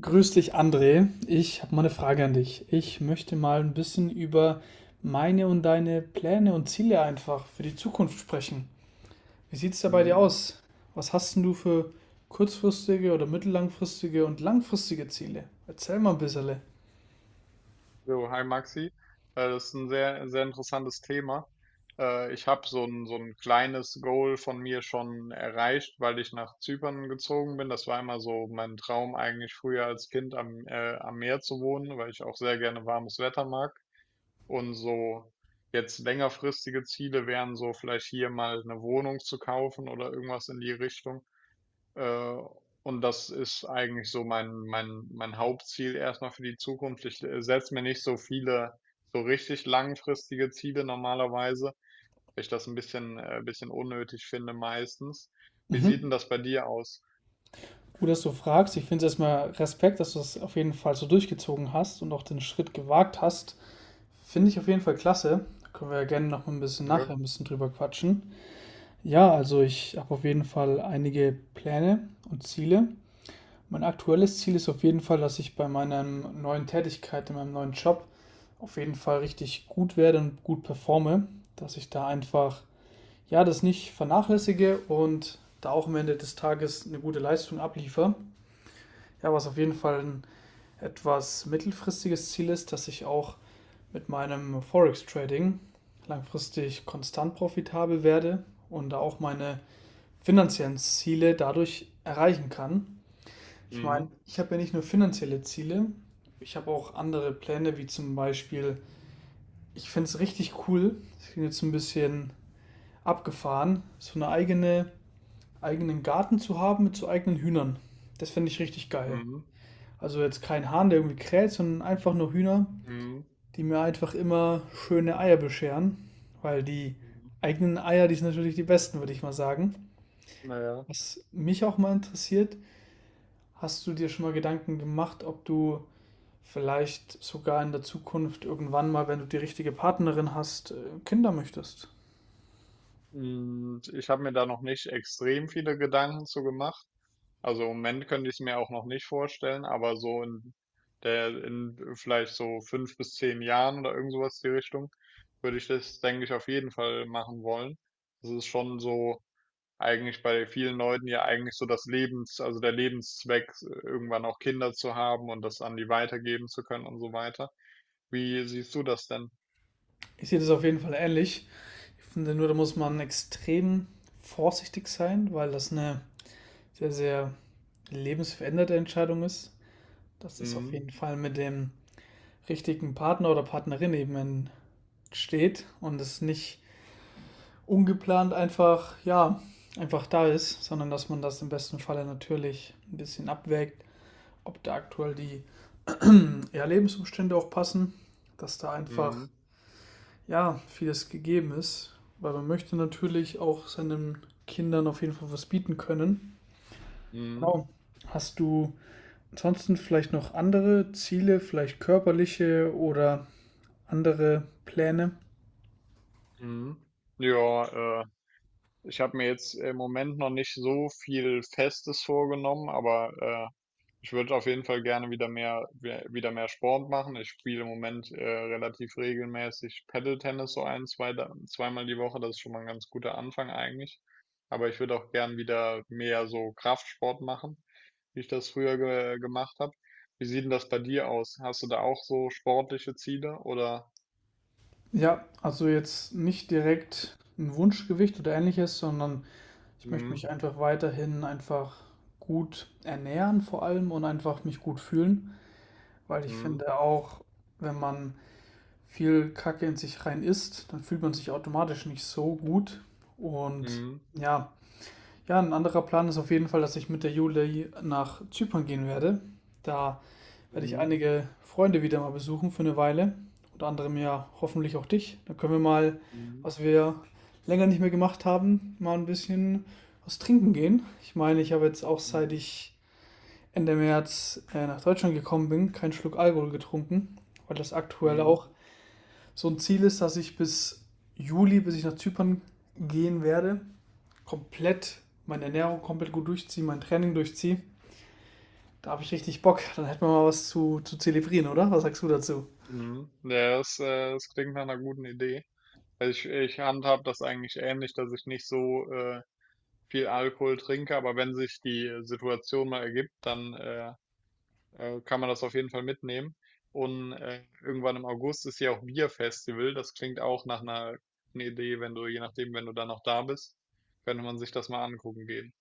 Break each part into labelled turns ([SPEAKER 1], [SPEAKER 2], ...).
[SPEAKER 1] Grüß dich, André. Ich habe mal eine Frage an dich. Ich möchte mal ein bisschen über meine und deine Pläne und Ziele einfach für die Zukunft sprechen. Wie sieht es da bei dir
[SPEAKER 2] Mhm.
[SPEAKER 1] aus? Was hast denn du für kurzfristige oder mittellangfristige und langfristige Ziele? Erzähl mal ein bisschen.
[SPEAKER 2] So, hi Maxi. Das ist ein sehr, sehr interessantes Thema. Ich habe so ein kleines Goal von mir schon erreicht, weil ich nach Zypern gezogen bin. Das war immer so mein Traum, eigentlich früher als Kind am Meer zu wohnen, weil ich auch sehr gerne warmes Wetter mag. Und so jetzt längerfristige Ziele wären so vielleicht hier mal eine Wohnung zu kaufen oder irgendwas in die Richtung. Äh, und das ist eigentlich so mein Hauptziel erstmal für die Zukunft. Ich setze mir nicht so viele, so richtig langfristige Ziele normalerweise, weil ich das ein bisschen unnötig finde meistens. Wie sieht
[SPEAKER 1] Mhm.
[SPEAKER 2] denn das bei dir aus?
[SPEAKER 1] Gut, dass du fragst. Ich finde es erstmal Respekt, dass du das auf jeden Fall so durchgezogen hast und auch den Schritt gewagt hast. Finde ich auf jeden Fall klasse. Da können wir ja gerne noch mal ein bisschen nachher
[SPEAKER 2] Danke.
[SPEAKER 1] ein bisschen drüber quatschen. Ja, also ich habe auf jeden Fall einige Pläne und Ziele. Mein aktuelles Ziel ist auf jeden Fall, dass ich bei meiner neuen Tätigkeit, in meinem neuen Job, auf jeden Fall richtig gut werde und gut performe. Dass ich da einfach, ja, das nicht vernachlässige und da auch am Ende des Tages eine gute Leistung abliefere. Ja, was auf jeden Fall ein etwas mittelfristiges Ziel ist, dass ich auch mit meinem Forex-Trading langfristig konstant profitabel werde und da auch meine finanziellen Ziele dadurch erreichen kann. Ich meine,
[SPEAKER 2] Mhm.
[SPEAKER 1] ich habe ja nicht nur finanzielle Ziele, ich habe auch andere Pläne, wie zum Beispiel, ich finde es richtig cool, das klingt jetzt ein bisschen abgefahren, so eine eigene, eigenen Garten zu haben mit so eigenen Hühnern. Das finde ich richtig geil.
[SPEAKER 2] Mhm.
[SPEAKER 1] Also jetzt kein Hahn, der irgendwie kräht, sondern einfach nur Hühner,
[SPEAKER 2] Mhm.
[SPEAKER 1] die mir einfach immer schöne Eier bescheren, weil die
[SPEAKER 2] Mhm.
[SPEAKER 1] eigenen Eier, die sind natürlich die besten, würde ich mal sagen.
[SPEAKER 2] Naja.
[SPEAKER 1] Was mich auch mal interessiert, hast du dir schon mal Gedanken gemacht, ob du vielleicht sogar in der Zukunft irgendwann mal, wenn du die richtige Partnerin hast, Kinder möchtest?
[SPEAKER 2] Ich habe mir da noch nicht extrem viele Gedanken zu gemacht. Also im Moment könnte ich es mir auch noch nicht vorstellen, aber so in vielleicht so fünf bis zehn Jahren oder irgend sowas die Richtung, würde ich das, denke ich, auf jeden Fall machen wollen. Das ist schon so eigentlich bei vielen Leuten ja eigentlich so also der Lebenszweck, irgendwann auch Kinder zu haben und das an die weitergeben zu können und so weiter. Wie siehst du das denn?
[SPEAKER 1] Ich sehe das auf jeden Fall ähnlich. Ich finde nur, da muss man extrem vorsichtig sein, weil das eine sehr, sehr lebensveränderte Entscheidung ist. Dass es auf
[SPEAKER 2] Mhm.
[SPEAKER 1] jeden Fall mit dem richtigen Partner oder Partnerin eben entsteht und es nicht ungeplant einfach, ja, einfach da ist, sondern dass man das im besten Falle natürlich ein bisschen abwägt, ob da aktuell die ja, Lebensumstände auch passen, dass da einfach
[SPEAKER 2] Mhm.
[SPEAKER 1] ja vieles gegeben ist, weil man möchte natürlich auch seinen Kindern auf jeden Fall was bieten können.
[SPEAKER 2] Mhm.
[SPEAKER 1] Genau. Hast du ansonsten vielleicht noch andere Ziele, vielleicht körperliche oder andere Pläne?
[SPEAKER 2] Mhm. Ja, ich habe mir jetzt im Moment noch nicht so viel Festes vorgenommen, aber äh, ich würde auf jeden Fall gerne wieder wieder mehr Sport machen. Ich spiele im Moment relativ regelmäßig Paddle-Tennis so zweimal die Woche. Das ist schon mal ein ganz guter Anfang eigentlich. Aber ich würde auch gern wieder mehr so Kraftsport machen, wie ich das früher ge gemacht habe. Wie sieht denn das bei dir aus? Hast du da auch so sportliche Ziele oder?
[SPEAKER 1] Ja, also jetzt nicht direkt ein Wunschgewicht oder ähnliches, sondern ich möchte
[SPEAKER 2] Mhm.
[SPEAKER 1] mich einfach weiterhin einfach gut ernähren vor allem und einfach mich gut fühlen. Weil ich
[SPEAKER 2] Mhm.
[SPEAKER 1] finde auch, wenn man viel Kacke in sich rein isst, dann fühlt man sich automatisch nicht so gut. Und
[SPEAKER 2] Mhm.
[SPEAKER 1] ja, ja, ein anderer Plan ist auf jeden Fall, dass ich mit der Juli nach Zypern gehen werde. Da werde ich
[SPEAKER 2] Mhm.
[SPEAKER 1] einige Freunde wieder mal besuchen für eine Weile. Unter anderem ja hoffentlich auch dich. Dann können wir mal,
[SPEAKER 2] Mhm.
[SPEAKER 1] was wir länger nicht mehr gemacht haben, mal ein bisschen was trinken gehen. Ich meine, ich habe jetzt auch, seit
[SPEAKER 2] Mhm.
[SPEAKER 1] ich Ende März nach Deutschland gekommen bin, keinen Schluck Alkohol getrunken, weil das aktuell
[SPEAKER 2] Mhm.
[SPEAKER 1] auch so ein Ziel ist, dass ich bis Juli, bis ich nach Zypern gehen werde, komplett meine Ernährung komplett gut durchziehe, mein Training durchziehe. Da habe ich richtig Bock. Dann hätten wir mal was zu zelebrieren, oder? Was sagst du dazu?
[SPEAKER 2] Mhm. Ja, das klingt nach einer guten Idee. Also ich handhab das eigentlich ähnlich, dass ich nicht so äh, viel Alkohol trinke, aber wenn sich die Situation mal ergibt, dann kann man das auf jeden Fall mitnehmen. Und irgendwann im August ist ja auch Bierfestival. Das klingt auch nach einer guten Idee, wenn du, je nachdem, wenn du dann noch da bist, könnte man sich das mal angucken gehen.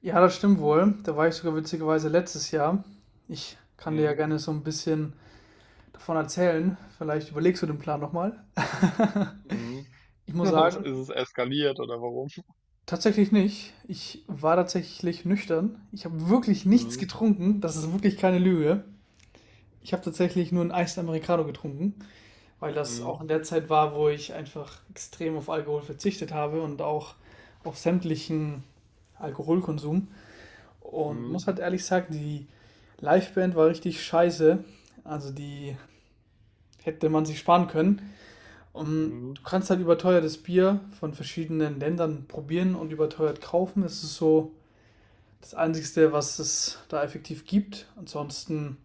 [SPEAKER 1] Ja, das stimmt wohl. Da war ich sogar witzigerweise letztes Jahr. Ich kann dir ja
[SPEAKER 2] Mhm.
[SPEAKER 1] gerne so ein bisschen davon erzählen. Vielleicht überlegst du den Plan nochmal.
[SPEAKER 2] Mhm.
[SPEAKER 1] Ich muss
[SPEAKER 2] Ist
[SPEAKER 1] sagen,
[SPEAKER 2] es eskaliert oder warum?
[SPEAKER 1] tatsächlich nicht. Ich war tatsächlich nüchtern. Ich habe wirklich nichts
[SPEAKER 2] Mhm.
[SPEAKER 1] getrunken. Das ist wirklich keine Lüge. Ich habe tatsächlich nur einen Eis Americano getrunken, weil das auch
[SPEAKER 2] Mhm.
[SPEAKER 1] in der Zeit war, wo ich einfach extrem auf Alkohol verzichtet habe und auch auf sämtlichen Alkoholkonsum. Und muss
[SPEAKER 2] Mhm.
[SPEAKER 1] halt ehrlich sagen, die Liveband war richtig scheiße. Also die hätte man sich sparen können. Und
[SPEAKER 2] Mhm.
[SPEAKER 1] du kannst halt überteuertes Bier von verschiedenen Ländern probieren und überteuert kaufen. Es ist so das Einzige, was es da effektiv gibt. Ansonsten,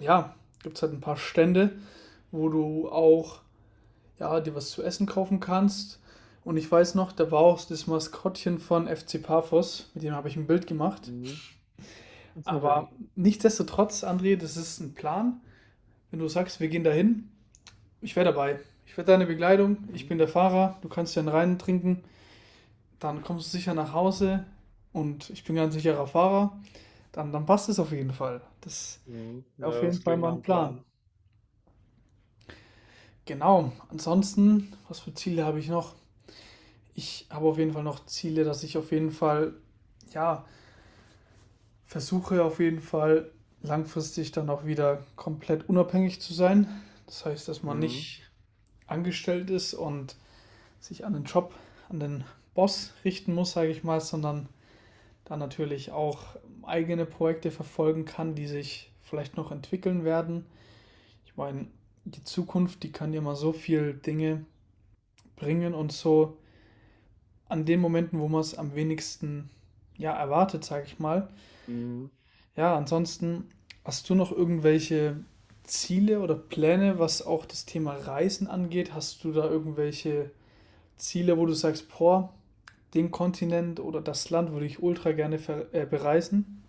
[SPEAKER 1] ja, gibt es halt ein paar Stände, wo du auch, ja, dir was zu essen kaufen kannst. Und ich weiß noch, da war auch das Maskottchen von FC Paphos, mit dem habe ich ein Bild gemacht.
[SPEAKER 2] Mhm.
[SPEAKER 1] Aber nichtsdestotrotz, André, das ist ein Plan. Wenn du sagst, wir gehen dahin, ich wäre dabei. Ich werde deine Begleitung, ich
[SPEAKER 2] Mhm.
[SPEAKER 1] bin der Fahrer, du kannst dann rein trinken, dann kommst du sicher nach Hause und ich bin ganz sicherer Fahrer. Dann, dann passt es auf jeden Fall. Das
[SPEAKER 2] Mhm.
[SPEAKER 1] auf
[SPEAKER 2] Ja, das
[SPEAKER 1] jeden Fall
[SPEAKER 2] klingt
[SPEAKER 1] mal
[SPEAKER 2] nach
[SPEAKER 1] 'n
[SPEAKER 2] 'm
[SPEAKER 1] Plan.
[SPEAKER 2] Plan.
[SPEAKER 1] Genau, ansonsten, was für Ziele habe ich noch? Ich habe auf jeden Fall noch Ziele, dass ich auf jeden Fall, ja, versuche auf jeden Fall langfristig dann auch wieder komplett unabhängig zu sein. Das heißt, dass man
[SPEAKER 2] Mhm.
[SPEAKER 1] nicht angestellt ist und sich an den Job, an den Boss richten muss, sage ich mal, sondern dann natürlich auch eigene Projekte verfolgen kann, die sich vielleicht noch entwickeln werden. Ich meine, die Zukunft, die kann ja mal so viel Dinge bringen und so an den Momenten, wo man es am wenigsten ja erwartet, sage ich mal.
[SPEAKER 2] Mhm.
[SPEAKER 1] Ja, ansonsten, hast du noch irgendwelche Ziele oder Pläne, was auch das Thema Reisen angeht? Hast du da irgendwelche Ziele, wo du sagst, boah, den Kontinent oder das Land würde ich ultra gerne ver bereisen?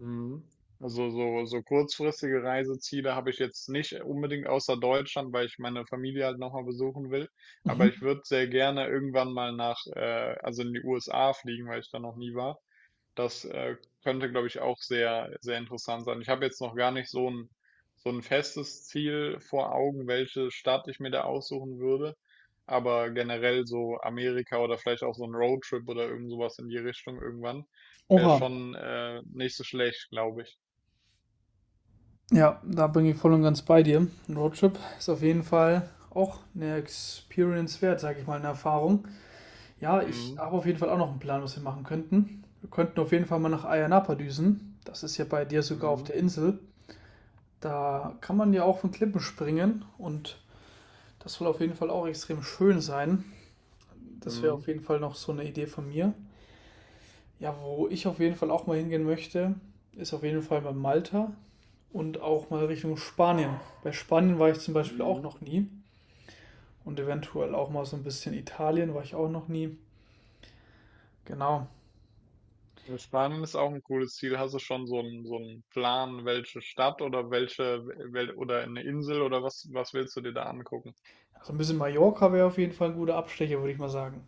[SPEAKER 2] Mhm. Also, so kurzfristige Reiseziele habe ich jetzt nicht unbedingt außer Deutschland, weil ich meine Familie halt noch mal besuchen will.
[SPEAKER 1] Mhm.
[SPEAKER 2] Aber ich würde sehr gerne irgendwann mal in die USA fliegen, weil ich da noch nie war. Das könnte, glaube ich, auch sehr, sehr interessant sein. Ich habe jetzt noch gar nicht so ein festes Ziel vor Augen, welche Stadt ich mir da aussuchen würde. Aber generell so Amerika oder vielleicht auch so ein Roadtrip oder irgend sowas in die Richtung irgendwann wäre
[SPEAKER 1] Oha,
[SPEAKER 2] schon nicht so schlecht, glaube ich.
[SPEAKER 1] ja, da bin ich voll und ganz bei dir. Ein Roadtrip ist auf jeden Fall auch eine Experience wert, sage ich mal, eine Erfahrung. Ja, ich
[SPEAKER 2] Mhm.
[SPEAKER 1] habe auf jeden Fall auch noch einen Plan, was wir machen könnten. Wir könnten auf jeden Fall mal nach Ayanapa düsen. Das ist ja bei dir sogar auf
[SPEAKER 2] Mhm.
[SPEAKER 1] der Insel. Da kann man ja auch von Klippen springen und das soll auf jeden Fall auch extrem schön sein. Das wäre
[SPEAKER 2] Mhm.
[SPEAKER 1] auf jeden Fall noch so eine Idee von mir. Ja, wo ich auf jeden Fall auch mal hingehen möchte, ist auf jeden Fall bei Malta und auch mal Richtung Spanien. Bei Spanien war ich zum Beispiel auch
[SPEAKER 2] Mhm.
[SPEAKER 1] noch nie und eventuell auch mal so ein bisschen Italien war ich auch noch nie. Genau.
[SPEAKER 2] Ja, Spanien ist auch ein cooles Ziel. Hast du schon so einen Plan, welche Stadt oder welche, wel oder eine Insel oder was willst du dir da angucken?
[SPEAKER 1] Also ein bisschen Mallorca wäre auf jeden Fall ein guter Abstecher, würde ich mal sagen.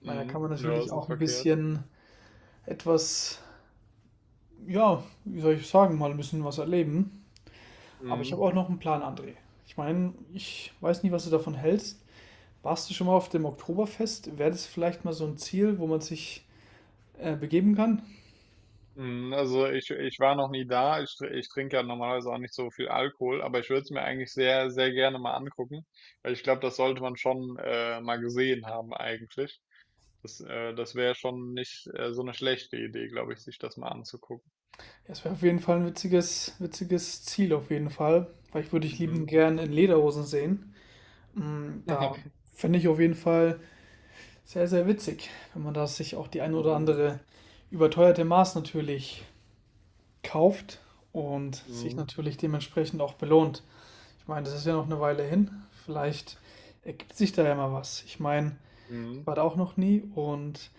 [SPEAKER 1] Ich meine, da
[SPEAKER 2] Mhm.
[SPEAKER 1] kann man
[SPEAKER 2] Ja,
[SPEAKER 1] natürlich
[SPEAKER 2] ist nicht
[SPEAKER 1] auch ein
[SPEAKER 2] verkehrt.
[SPEAKER 1] bisschen etwas, ja, wie soll ich sagen, mal ein bisschen was erleben. Aber ich habe
[SPEAKER 2] Mhm.
[SPEAKER 1] auch noch einen Plan, André. Ich meine, ich weiß nicht, was du davon hältst. Warst du schon mal auf dem Oktoberfest? Wäre das vielleicht mal so ein Ziel, wo man sich begeben kann?
[SPEAKER 2] Mhm. Also ich war noch nie da. Ich trinke ja normalerweise auch nicht so viel Alkohol, aber ich würde es mir eigentlich sehr, sehr gerne mal angucken, weil ich glaube, das sollte man schon mal gesehen haben eigentlich. Das wäre schon nicht so eine schlechte Idee, glaube ich, sich das mal anzugucken.
[SPEAKER 1] Das wäre auf jeden Fall ein witziges, witziges Ziel, auf jeden Fall. Weil ich würde dich lieben
[SPEAKER 2] Mhm.
[SPEAKER 1] gern in Lederhosen sehen. Da fände ich auf jeden Fall sehr, sehr witzig, wenn man da sich auch die ein oder
[SPEAKER 2] Mhm.
[SPEAKER 1] andere überteuerte Maß natürlich kauft und sich
[SPEAKER 2] Mhm.
[SPEAKER 1] natürlich dementsprechend auch belohnt. Ich meine, das ist ja noch eine Weile hin. Vielleicht ergibt sich da ja mal was. Ich meine, ich
[SPEAKER 2] Mhm.
[SPEAKER 1] war da auch noch nie und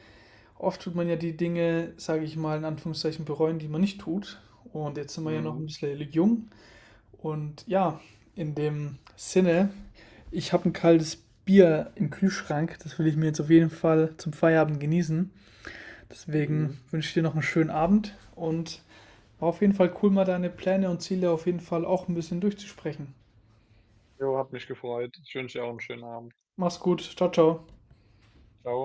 [SPEAKER 1] oft tut man ja die Dinge, sage ich mal, in Anführungszeichen bereuen, die man nicht tut. Und jetzt sind wir ja noch ein
[SPEAKER 2] Mhm.
[SPEAKER 1] bisschen jung und ja, in dem Sinne, ich habe ein kaltes Bier im Kühlschrank. Das will ich mir jetzt auf jeden Fall zum Feierabend genießen. Deswegen
[SPEAKER 2] Mhm.
[SPEAKER 1] wünsche ich dir noch einen schönen Abend und war auf jeden Fall cool, mal deine Pläne und Ziele auf jeden Fall auch ein bisschen durchzusprechen.
[SPEAKER 2] Jo, hat mich gefreut. Ich wünsche dir auch einen schönen Abend.
[SPEAKER 1] Mach's gut. Ciao, ciao.
[SPEAKER 2] Ciao.